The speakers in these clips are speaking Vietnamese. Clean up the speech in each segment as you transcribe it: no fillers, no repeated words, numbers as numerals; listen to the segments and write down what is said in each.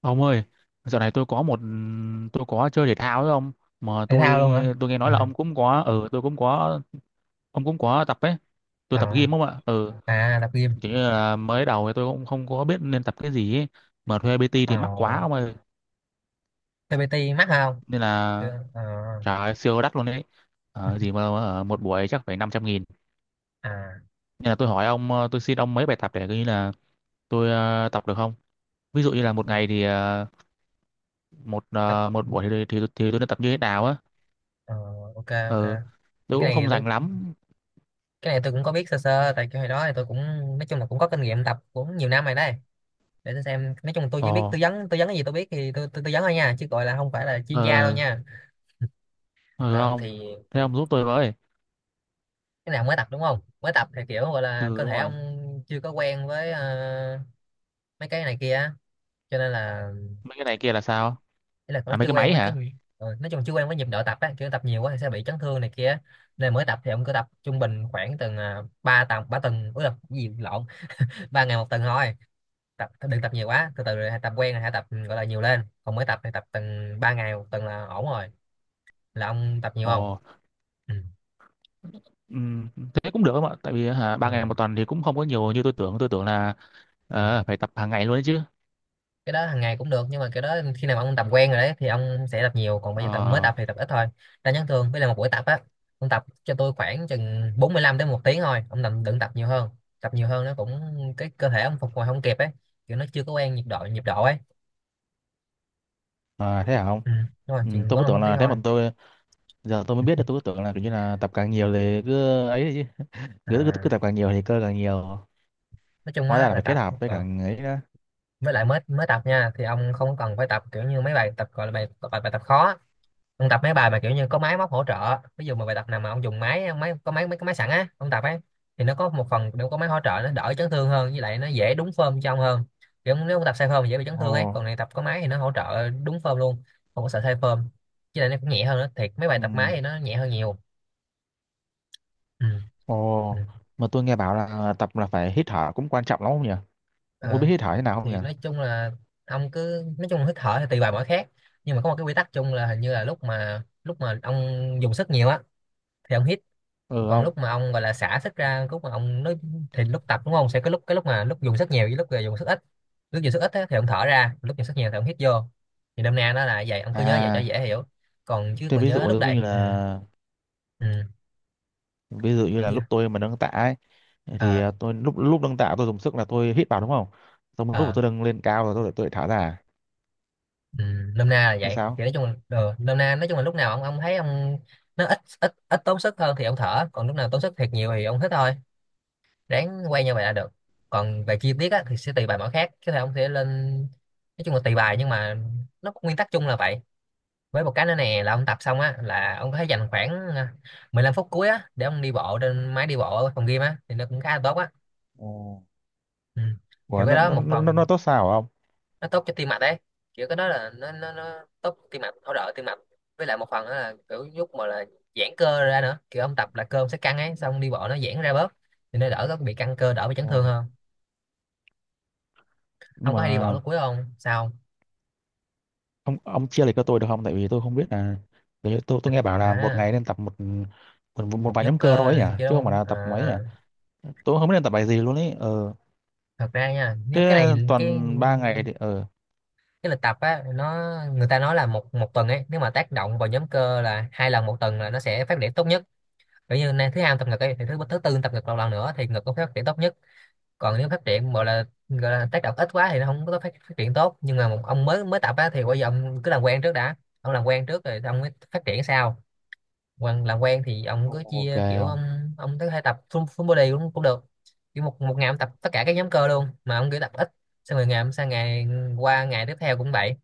Ông ơi, dạo này tôi có một tôi có chơi thể thao với ông mà Thể thao luôn hả? tôi nghe Ừ. nói là ông cũng có tôi cũng có ông cũng có tập ấy. Tôi tập à, gym không ạ? Ừ, à, tập gym. kiểu như là mới đầu thì tôi cũng không có biết nên tập cái gì ấy. Mà thuê PT thì mắc à, quá ông ơi. TPT mắc không? Nên là Chưa. Ờ, trời ơi, siêu đắt luôn đấy. Gì mà một buổi chắc phải 500.000. à Nên là tôi hỏi ông tôi xin ông mấy bài tập để coi như là tôi tập được không? Ví dụ như là một ngày thì một tập một buổi thì tôi nên tập như thế nào á. Ờ, ok ok. Ừ, Thì tôi cũng không rành lắm. cái này tôi cũng có biết sơ sơ, tại cái hồi đó thì tôi cũng, nói chung là cũng có kinh nghiệm tập cũng nhiều năm rồi đấy. Để tôi xem, nói chung là tôi Ồ, chỉ biết tư vấn, cái gì tôi biết thì tôi tư vấn thôi nha, chứ gọi là không phải là ờ, chuyên gia đâu ờ, nha. ừ, Ờ, ông. thì, Thế ừ, ông giúp tôi với. cái nào mới tập đúng không? Mới tập thì kiểu gọi Ừ, là cơ đúng thể rồi. ông chưa có quen với, mấy cái này kia á, cho nên là, Mấy cái này kia là sao? ý là nó À, mấy chưa cái quen máy với cái hả? nhịp- nói chung chưa quen với nhịp độ tập á, kiểu tập nhiều quá thì sẽ bị chấn thương này kia. Nên mới tập thì ông cứ tập trung bình khoảng từng, ba tuần ba tuần, ui là cái gì lộn. 3 ngày 1 tuần thôi. Tập đừng tập nhiều quá, từ từ rồi hãy tập quen rồi hãy tập, gọi là nhiều lên, còn mới tập thì tập từng ba ngày một tuần là ổn rồi. Là ông tập nhiều không? Ồ, Ừ. ừm, thế cũng được không ạ? Tại vì hả, ba ngày Ừ. một tuần thì cũng không có nhiều như tôi tưởng. Tôi tưởng là Ừ. Phải tập hàng ngày luôn đấy chứ. Cái đó hàng ngày cũng được nhưng mà cái đó khi nào mà ông tập quen rồi đấy thì ông sẽ tập nhiều, còn bây giờ tập, mới Ờ, tập thì tập ít thôi. Ta nhắn thường với là một buổi tập á, ông tập cho tôi khoảng chừng 45 đến một tiếng thôi, ông đừng đừng tập nhiều hơn. Tập nhiều hơn nó cũng, cái cơ thể ông phục hồi không kịp ấy, kiểu nó chưa có quen nhịp độ ấy. à, thế hả ông? Ừ. Đúng rồi, Ừ, chừng tôi cứ 45 tưởng phút tiếng là thế mà thôi. tôi giờ tôi mới biết được, tôi cứ tưởng là kiểu như là tập càng nhiều thì cứ ấy chứ, cứ à, tập càng nhiều thì cơ càng nhiều. nói chung Hóa á ra là là phải kết tập, hợp với càng ấy đó. Với lại mới mới tập nha thì ông không cần phải tập kiểu như mấy bài tập gọi là bài bài, bài tập khó. Ông tập mấy bài mà kiểu như có máy móc hỗ trợ, ví dụ mà bài tập nào mà ông dùng máy máy, có máy, mấy cái máy sẵn á ông tập ấy, thì nó có một phần, nếu có máy hỗ trợ nó đỡ chấn thương hơn, với lại nó dễ đúng form cho ông hơn. Kiểu nếu ông tập sai form thì dễ bị chấn Ồ. thương ấy, còn này tập có máy thì nó hỗ trợ đúng form luôn, không có sợ sai form. Với lại nó cũng nhẹ hơn nữa, thiệt mấy bài Ừ. tập máy thì nó nhẹ hơn nhiều. Ừ. Ừ. Ồ, mà tôi nghe bảo là tập là phải hít thở cũng quan trọng lắm không nhỉ? Ông có biết Ờ. hít thở thế nào không nhỉ? Thì nói chung là, ông cứ nói chung là hít thở thì tùy bài mỗi khác, nhưng mà có một cái quy tắc chung là hình như là lúc mà ông dùng sức nhiều á thì ông hít, Ừ còn không. lúc mà ông gọi là xả sức ra, lúc mà ông nói, thì lúc tập đúng không, sẽ có lúc, cái lúc mà lúc dùng sức nhiều với lúc, dùng sức ít. Lúc dùng sức ít á, thì ông thở ra, lúc dùng sức nhiều thì ông hít vô. Thì đâm nay nó là vậy, ông cứ nhớ vậy cho À, dễ hiểu. Còn chứ tôi còn ví nhớ dụ lúc giống đẩy, như ừ. là Ừ. ví dụ như là Cái gì? lúc tôi mà nâng tạ ấy thì Ờ. Tôi lúc lúc nâng tạ tôi dùng sức là tôi hít vào đúng không? Xong lúc mà Ờ. tôi nâng lên cao rồi tôi lại thả ra. ừ, Nôm na là Thế vậy, thì sao? nói chung là, nôm na nói chung là lúc nào ông thấy ông, nó ít ít ít tốn sức hơn thì ông thở, còn lúc nào tốn sức thiệt nhiều thì ông hít thôi. Ráng quay như vậy là được. Còn về chi tiết á, thì sẽ tùy bài mỗi khác, chứ thầy ông sẽ lên, nói chung là tùy bài nhưng mà nó có nguyên tắc chung là vậy. Với một cái nữa nè là ông tập xong á là ông có thể dành khoảng, à, 15 phút cuối á để ông đi bộ trên máy đi bộ ở phòng gym á, thì nó cũng khá là tốt á. Ồ, Ừ. ủa, Kiểu cái nó đó nó một nó nó nó phần tốt sao hả ông? nó tốt cho tim mạch đấy, kiểu cái đó là nó tốt tim mạch, hỗ trợ tim mạch. Với lại một phần đó là kiểu giúp mà là giãn cơ ra nữa, kiểu ông tập là cơ ông sẽ căng ấy, xong đi bộ nó giãn ra bớt, thì nó đỡ có bị căng cơ, đỡ bị chấn thương Ồ. hơn. Ông Nhưng có hay đi bộ mà lúc cuối không sao? Ông chia lại cho tôi được không? Tại vì tôi không biết là đấy, tôi nghe bảo là một à, ngày nên tập một một Một vài nhóm nhóm cơ cơ thôi ấy này nhỉ, kia chứ đúng không phải không? là tập mấy nhỉ. Tôi cũng không biết nên tập bài gì luôn ấy. Ờ, Thật ra nha, nếu thế cái toàn ba ngày thì cái lịch tập á nó, người ta nói là một một tuần ấy, nếu mà tác động vào nhóm cơ là 2 lần 1 tuần là nó sẽ phát triển tốt nhất. Kiểu như nay thứ hai tập ngực ấy, thì thứ thứ tư tập ngực lần lần nữa thì ngực có phát triển tốt nhất. Còn nếu phát triển gọi là tác động ít quá thì nó không có phát triển tốt. Nhưng mà một ông mới mới tập á thì bây giờ ông cứ làm quen trước đã, ông làm quen trước rồi ông mới phát triển sau. Còn làm quen thì ông Ồ, cứ ok chia kiểu không? ông tới hai tập full body cũng cũng được, kiểu một một ngày ông tập tất cả các nhóm cơ luôn mà ông cứ tập ít, xong rồi ngày ông sang ngày, qua ngày tiếp theo cũng vậy.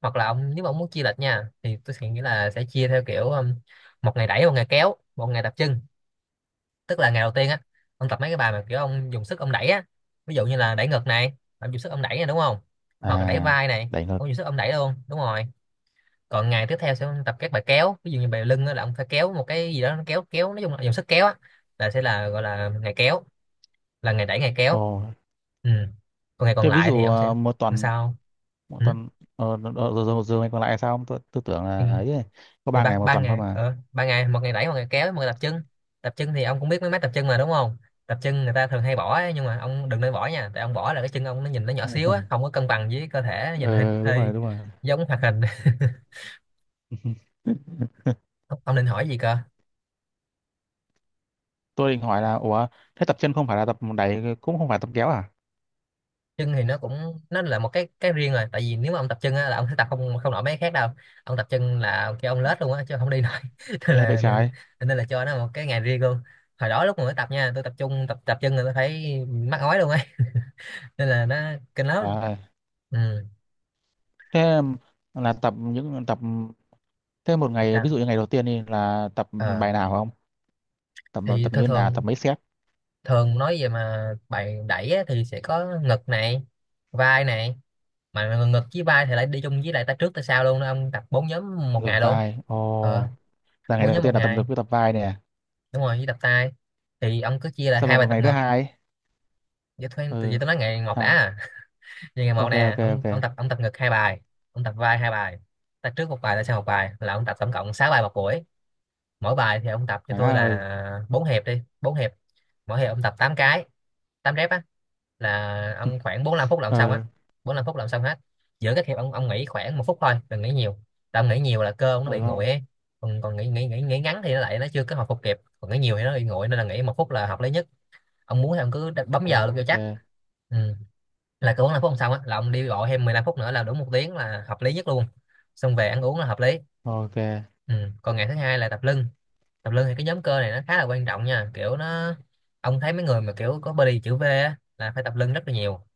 Hoặc là ông, nếu mà ông muốn chia lịch nha, thì tôi sẽ nghĩ là sẽ chia theo kiểu, một ngày đẩy, một ngày kéo, một ngày tập chân. Tức là ngày đầu tiên á, ông tập mấy cái bài mà kiểu ông dùng sức ông đẩy á, ví dụ như là đẩy ngực này, ông dùng sức ông đẩy này đúng không, hoặc là đẩy À, vai này, đẩy thật. ông dùng sức ông đẩy luôn đúng rồi. Còn ngày tiếp theo sẽ tập các bài kéo, ví dụ như bài lưng á, là ông phải kéo một cái gì đó, nó kéo kéo nói chung là dùng sức kéo á, là sẽ là gọi là ngày kéo, là ngày đẩy ngày Ồ, kéo. Ừ. Còn ngày còn thế ví lại thì dụ ông sẽ làm sao? một Ừ. tuần rồi rồi rồi rồi mày còn lại sao không, tôi, tôi tưởng thì, là ấy ấy, có thì ba ngày một ba tuần thôi ngày, mà. Ba ngày, một ngày đẩy, một ngày kéo, một ngày tập chân. Tập chân thì ông cũng biết mấy máy tập chân mà đúng không? Tập chân người ta thường hay bỏ ấy, nhưng mà ông đừng nên bỏ nha, tại ông bỏ là cái chân ông nó nhìn nó nhỏ xíu á, không có cân bằng với cơ thể, nó nhìn hơi Ờ đúng hơi rồi đúng rồi. giống hoạt hình. Ông định hỏi gì cơ? Tôi định hỏi là ủa, thế tập chân không phải là tập đẩy cũng không phải tập kéo à? Chân thì nó cũng nó là một cái riêng rồi, tại vì nếu mà ông tập chân á, là ông sẽ tập không không nổi mấy cái khác đâu. Ông tập chân là kêu ông lết luôn á, chứ không đi nổi. Nên Ghê vậy là trái. nên là cho nó một cái ngày riêng luôn. Hồi đó lúc mà mới tập nha, tôi tập trung tập tập chân là tôi phải mắc ói luôn ấy. Nên là nó kinh lắm. À, Ừ. thế là tập những tập thế một ngày ví Sao? dụ như ngày đầu tiên đi là tập Ờ. bài nào không? Tập Thì tập như thường thế nào, tập thường mấy set? thường nói về mà bài đẩy á, thì sẽ có ngực này, vai này, mà ngực với vai thì lại đi chung với lại tay trước tay sau luôn đó, ông tập bốn nhóm một Ngược ngày luôn. vai. Ờ. Ồ, là ngày Bốn đầu nhóm một tiên là tập ngày ngược với tập vai nè. đúng rồi, với tập tay thì ông cứ chia là Xong hai rồi bài còn tập ngày thứ ngực. hai ấy. Vậy thôi em- vậy Ừ, tôi nói ngày một đã. ha. À. Vậy ngày một Ok nè, ok ok. ông tập, ông tập ngực hai bài, ông tập vai hai bài, tập trước một bài, là sau một bài, là ông tập tổng cộng 6 bài một buổi. Mỗi bài thì ông tập cho tôi Má ơi. là 4 hiệp đi, bốn hiệp mỗi hiệp ông tập 8 cái, 8 rep á. Là ông khoảng 45 phút là ông Ừ. xong á. Ừ. 45 phút là ông xong hết. Giữa các hiệp ông nghỉ khoảng 1 phút thôi, đừng nghỉ nhiều, tại ông nghỉ nhiều là cơ ông nó Ừ. bị nguội Không. ấy. Còn còn nghỉ nghỉ nghỉ nghỉ ngắn thì nó lại nó chưa có hồi phục kịp, còn nghỉ nhiều thì nó bị nguội, nên là nghỉ một phút là hợp lý nhất. Ông muốn thì ông cứ đặt- bấm giờ luôn cho Ok chắc. Ừ. Là cứ 45 phút xong á là ông đi gọi thêm 15 phút nữa là đủ một tiếng, là hợp lý nhất luôn, xong về ăn uống là hợp lý. ok. Ừ. Còn ngày thứ hai là tập lưng. Tập lưng thì cái nhóm cơ này nó khá là quan trọng nha, kiểu nó, ông thấy mấy người mà kiểu có body chữ V á là phải tập lưng rất là nhiều,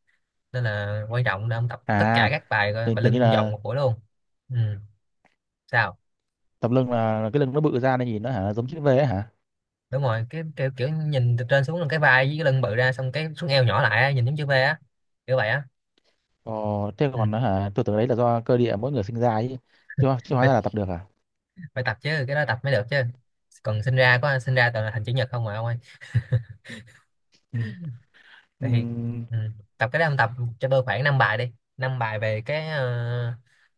nên là quan trọng để ông tập tất cả À, các bài, coi thì bài kiểu như lưng vòng là một buổi luôn. Ừ. Sao? tập lưng là cái lưng nó bự ra nên nhìn nó hả giống chữ V ấy hả? Đúng rồi, kiểu nhìn từ trên xuống là cái vai với cái lưng bự ra, xong cái xuống eo nhỏ lại á, nhìn giống chữ V á, kiểu vậy á. Ồ, thế Ừ. còn nó hả, tôi tưởng đấy là do cơ địa mỗi người sinh ra ấy chứ hóa Phải, ra là tập được à? phải tập chứ, cái đó tập mới được chứ, còn sinh ra có sinh ra toàn là thành chữ nhật không mà ông ơi. Ừ. Ừ. Vậy thì, ừ, tập cái đó ông tập cho tôi khoảng 5 bài đi, 5 bài về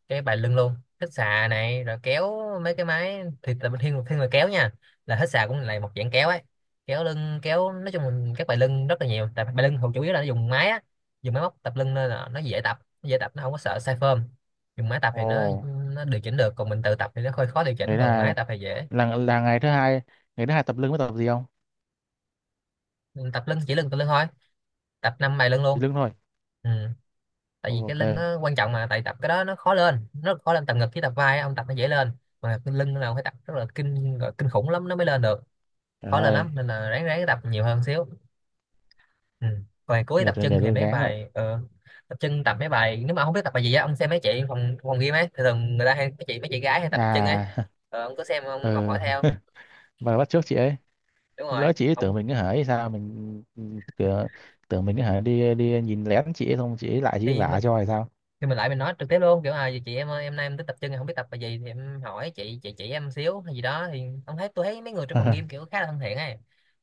cái bài lưng luôn. Hít xà này rồi kéo, mấy cái máy thì tập thiên thiên là kéo nha, là hít xà cũng là một dạng kéo ấy, kéo lưng kéo, nói chung là các bài lưng rất là nhiều, tại bài lưng hầu chủ yếu là nó dùng máy á, dùng máy móc tập lưng nên là nó dễ tập, nó không có sợ sai form. Dùng máy tập thì Ồ, nó điều chỉnh được, còn mình tự tập thì nó hơi khó điều chỉnh, đấy còn máy là tập thì dễ. là ngày thứ hai, ngày thứ hai tập lưng mới tập gì không? Mình tập lưng, chỉ lưng, tập lưng thôi, tập năm bài lưng luôn. Thì lưng thôi. Ừ. Tại vì cái Ok. lưng nó quan trọng mà, tại tập cái đó nó khó lên tập ngực với tập vai á, ông tập nó dễ lên, mà cái lưng là ông phải tập rất là gọi kinh khủng lắm nó mới lên được, Trời khó lên ơi, lắm, nên là ráng ráng tập nhiều hơn xíu. Ừ. Còn ngày cuối tập chân để thì tôi mấy gán vậy. bài, tập chân tập mấy bài. Nếu mà không biết tập bài gì á, ông xem mấy chị phòng phòng gym ấy, thường thường người ta hay, mấy chị gái hay tập chân ấy. À. Ông cứ xem, ông học hỏi Ừ, theo. và bắt chước chị ấy. Đúng Lỡ rồi chị ấy tưởng ông. mình cứ hỏi hay sao, mình cửa, tưởng mình cứ hỏi đi đi nhìn lén chị ấy xong chị ấy lại chị ấy Thì mà, vả cho hay sao. thì mình lại mình nói trực tiếp luôn, kiểu à chị em ơi, em nay em tới tập chân em không biết tập bài gì thì em hỏi chị chỉ em xíu hay gì đó, thì ông thấy tôi thấy mấy người trong phòng gym kiểu khá là thân thiện ấy,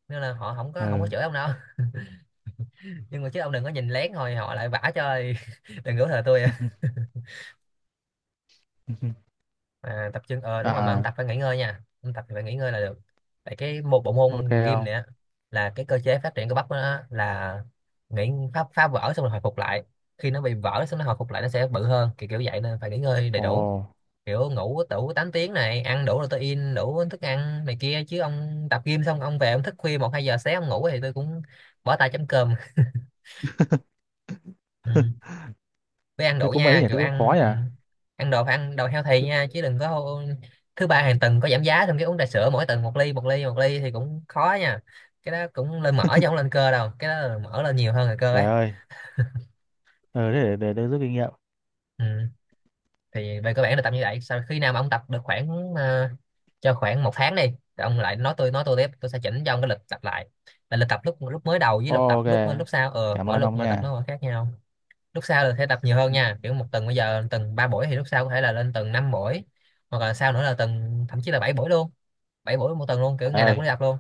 nên là họ không có Ừ. chửi ông đâu. Nhưng mà chứ ông đừng có nhìn lén rồi họ lại vả cho thì đừng có thờ tôi à. À, tập chân, đúng rồi, mà ông À, tập phải nghỉ ngơi nha, ông tập thì phải nghỉ ngơi là được. Tại cái một bộ ok môn gym không. này á, là cái cơ chế phát triển cơ bắp của nó á, là nghỉ, phá vỡ xong rồi hồi phục lại. Khi nó bị vỡ xong nó hồi phục lại nó sẽ bự hơn, kiểu kiểu vậy, nên phải nghỉ ngơi đầy Ồ, đủ, kiểu ngủ đủ 8 tiếng này, ăn đủ protein, đủ thức ăn này kia, chứ ông tập gym xong ông về ông thức khuya 1-2 giờ sáng ông ngủ thì tôi cũng bỏ tay chấm cơm. Ừ. Với ăn thế đủ cũng mấy nha, nhỉ, kiểu thế cũng khó ăn. nhỉ. Ừ. Ăn đồ phải ăn đồ healthy nha, chứ đừng có thứ ba hàng tuần có giảm giá xong cái uống trà sữa, mỗi tuần một ly, một ly, một ly thì cũng khó nha. Cái đó cũng lên mỡ chứ không lên cơ đâu, cái đó là mỡ lên nhiều hơn là cơ Trời ấy. ơi, ừ thế để tôi rút kinh nghiệm. Ừ. Thì về cơ bản là tập như vậy. Sau khi nào mà ông tập được khoảng, cho khoảng 1 tháng đi, thì ông lại nói tôi tiếp, tôi sẽ chỉnh cho ông cái lịch tập lại, là lịch tập lúc lúc mới đầu với lịch Ồ, tập ok, lúc lúc sau, cảm mỗi ơn lúc ông mà tập nó nha. còn khác nhau. Lúc sau là sẽ tập nhiều hơn nha, kiểu một tuần bây giờ tuần ba buổi thì lúc sau có thể là lên tuần năm buổi, hoặc là sau nữa là tuần thậm chí là bảy buổi luôn, bảy buổi một tuần luôn, kiểu Trời ngày nào ơi. cũng đi tập luôn.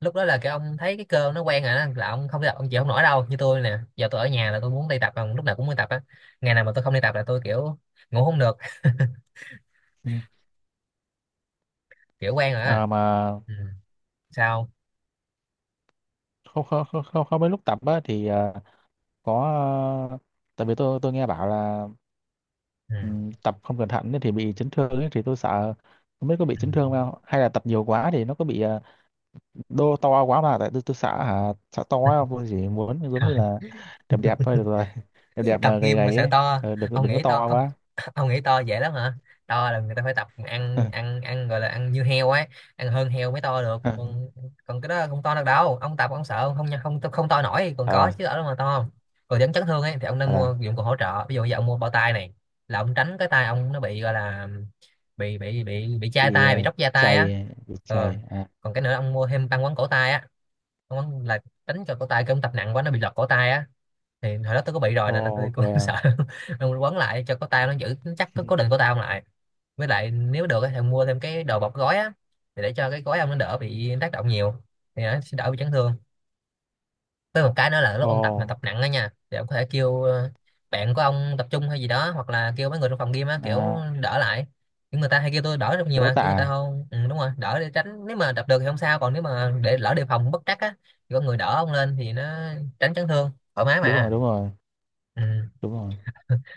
Lúc đó là cái ông thấy cái cơ nó quen rồi đó, là ông không đi tập ông chịu không nổi đâu, như tôi nè, giờ tôi ở nhà là tôi muốn đi tập, còn lúc nào cũng đi tập á. Ngày nào mà tôi không đi tập là tôi kiểu ngủ không được, Ừ. kiểu quen rồi á. À, mà Ừ. Sao? không không không không không mấy lúc tập á thì có, à, tại vì tôi nghe bảo là Ừ. ừ, tập không cẩn thận ấy thì bị chấn thương ấy, thì tôi sợ không biết có bị Ừ. chấn thương không, hay là tập nhiều quá thì nó có bị đô to quá mà tại tôi sợ hả sợ to quá, không tôi chỉ muốn giống như Hả? là đẹp đẹp thôi được rồi. Đẹp đẹp Tập mà gầy gym mà gầy sợ ấy. to? Ờ, đừng có- Ông đừng có nghĩ to, to ông quá. ông nghĩ to dễ lắm hả? To là người ta phải tập ăn ăn ăn, gọi là ăn như heo ấy, ăn hơn heo mới to được, Thật còn, còn cái đó không to được đâu, ông tập ông sợ ông không không không to nổi, còn có là chứ ở đâu mà to không. Còn dẫn chấn thương ấy thì ông nên thật là mua dụng cụ hỗ trợ, ví dụ giờ ông mua bao tay này là ông tránh cái tay ông nó bị, gọi là bị chai bị tay, bị róc da tay á. chày bị Ờ. chày à? Còn cái nữa, ông mua thêm băng quấn cổ tay á, ông là tránh cho cổ tay cái ông tập nặng quá nó bị lật cổ tay á. Thì hồi đó tôi có bị rồi Ồ, nè nên tôi ok. cũng sợ, nên quấn lại cho có tao nó giữ chắc, có cố định của tao lại. Với lại nếu được á thì mua thêm cái đồ bọc gói á, thì để cho cái gói ông nó đỡ bị tác động nhiều, thì nó sẽ đỡ bị chấn thương. Với một cái nữa là lúc Ồ. ông tập mà tập nặng á nha, thì ông có thể kêu, bạn của ông tập trung hay gì đó, hoặc là kêu mấy người trong phòng gym á, kiểu À, đỡ lại, kiểu người ta hay kêu tôi đỡ rất nhiều béo mà, kiểu người ta tạ. không, ừ, đúng rồi, đỡ để tránh, nếu mà đập được thì không sao, còn nếu mà để lỡ đề phòng bất trắc á thì có người đỡ ông lên thì nó tránh chấn thương thoải mái Đúng rồi mà. đúng rồi Ừ. đúng rồi.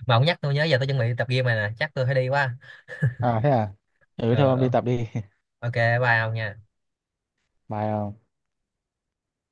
Mà ông nhắc tôi nhớ giờ tôi chuẩn bị tập gym này nè, chắc tôi phải đi quá. À thế à. Ừ Ừ, thôi ông đi ừ. tập đi. Ok, bye ông nha. Bye ông.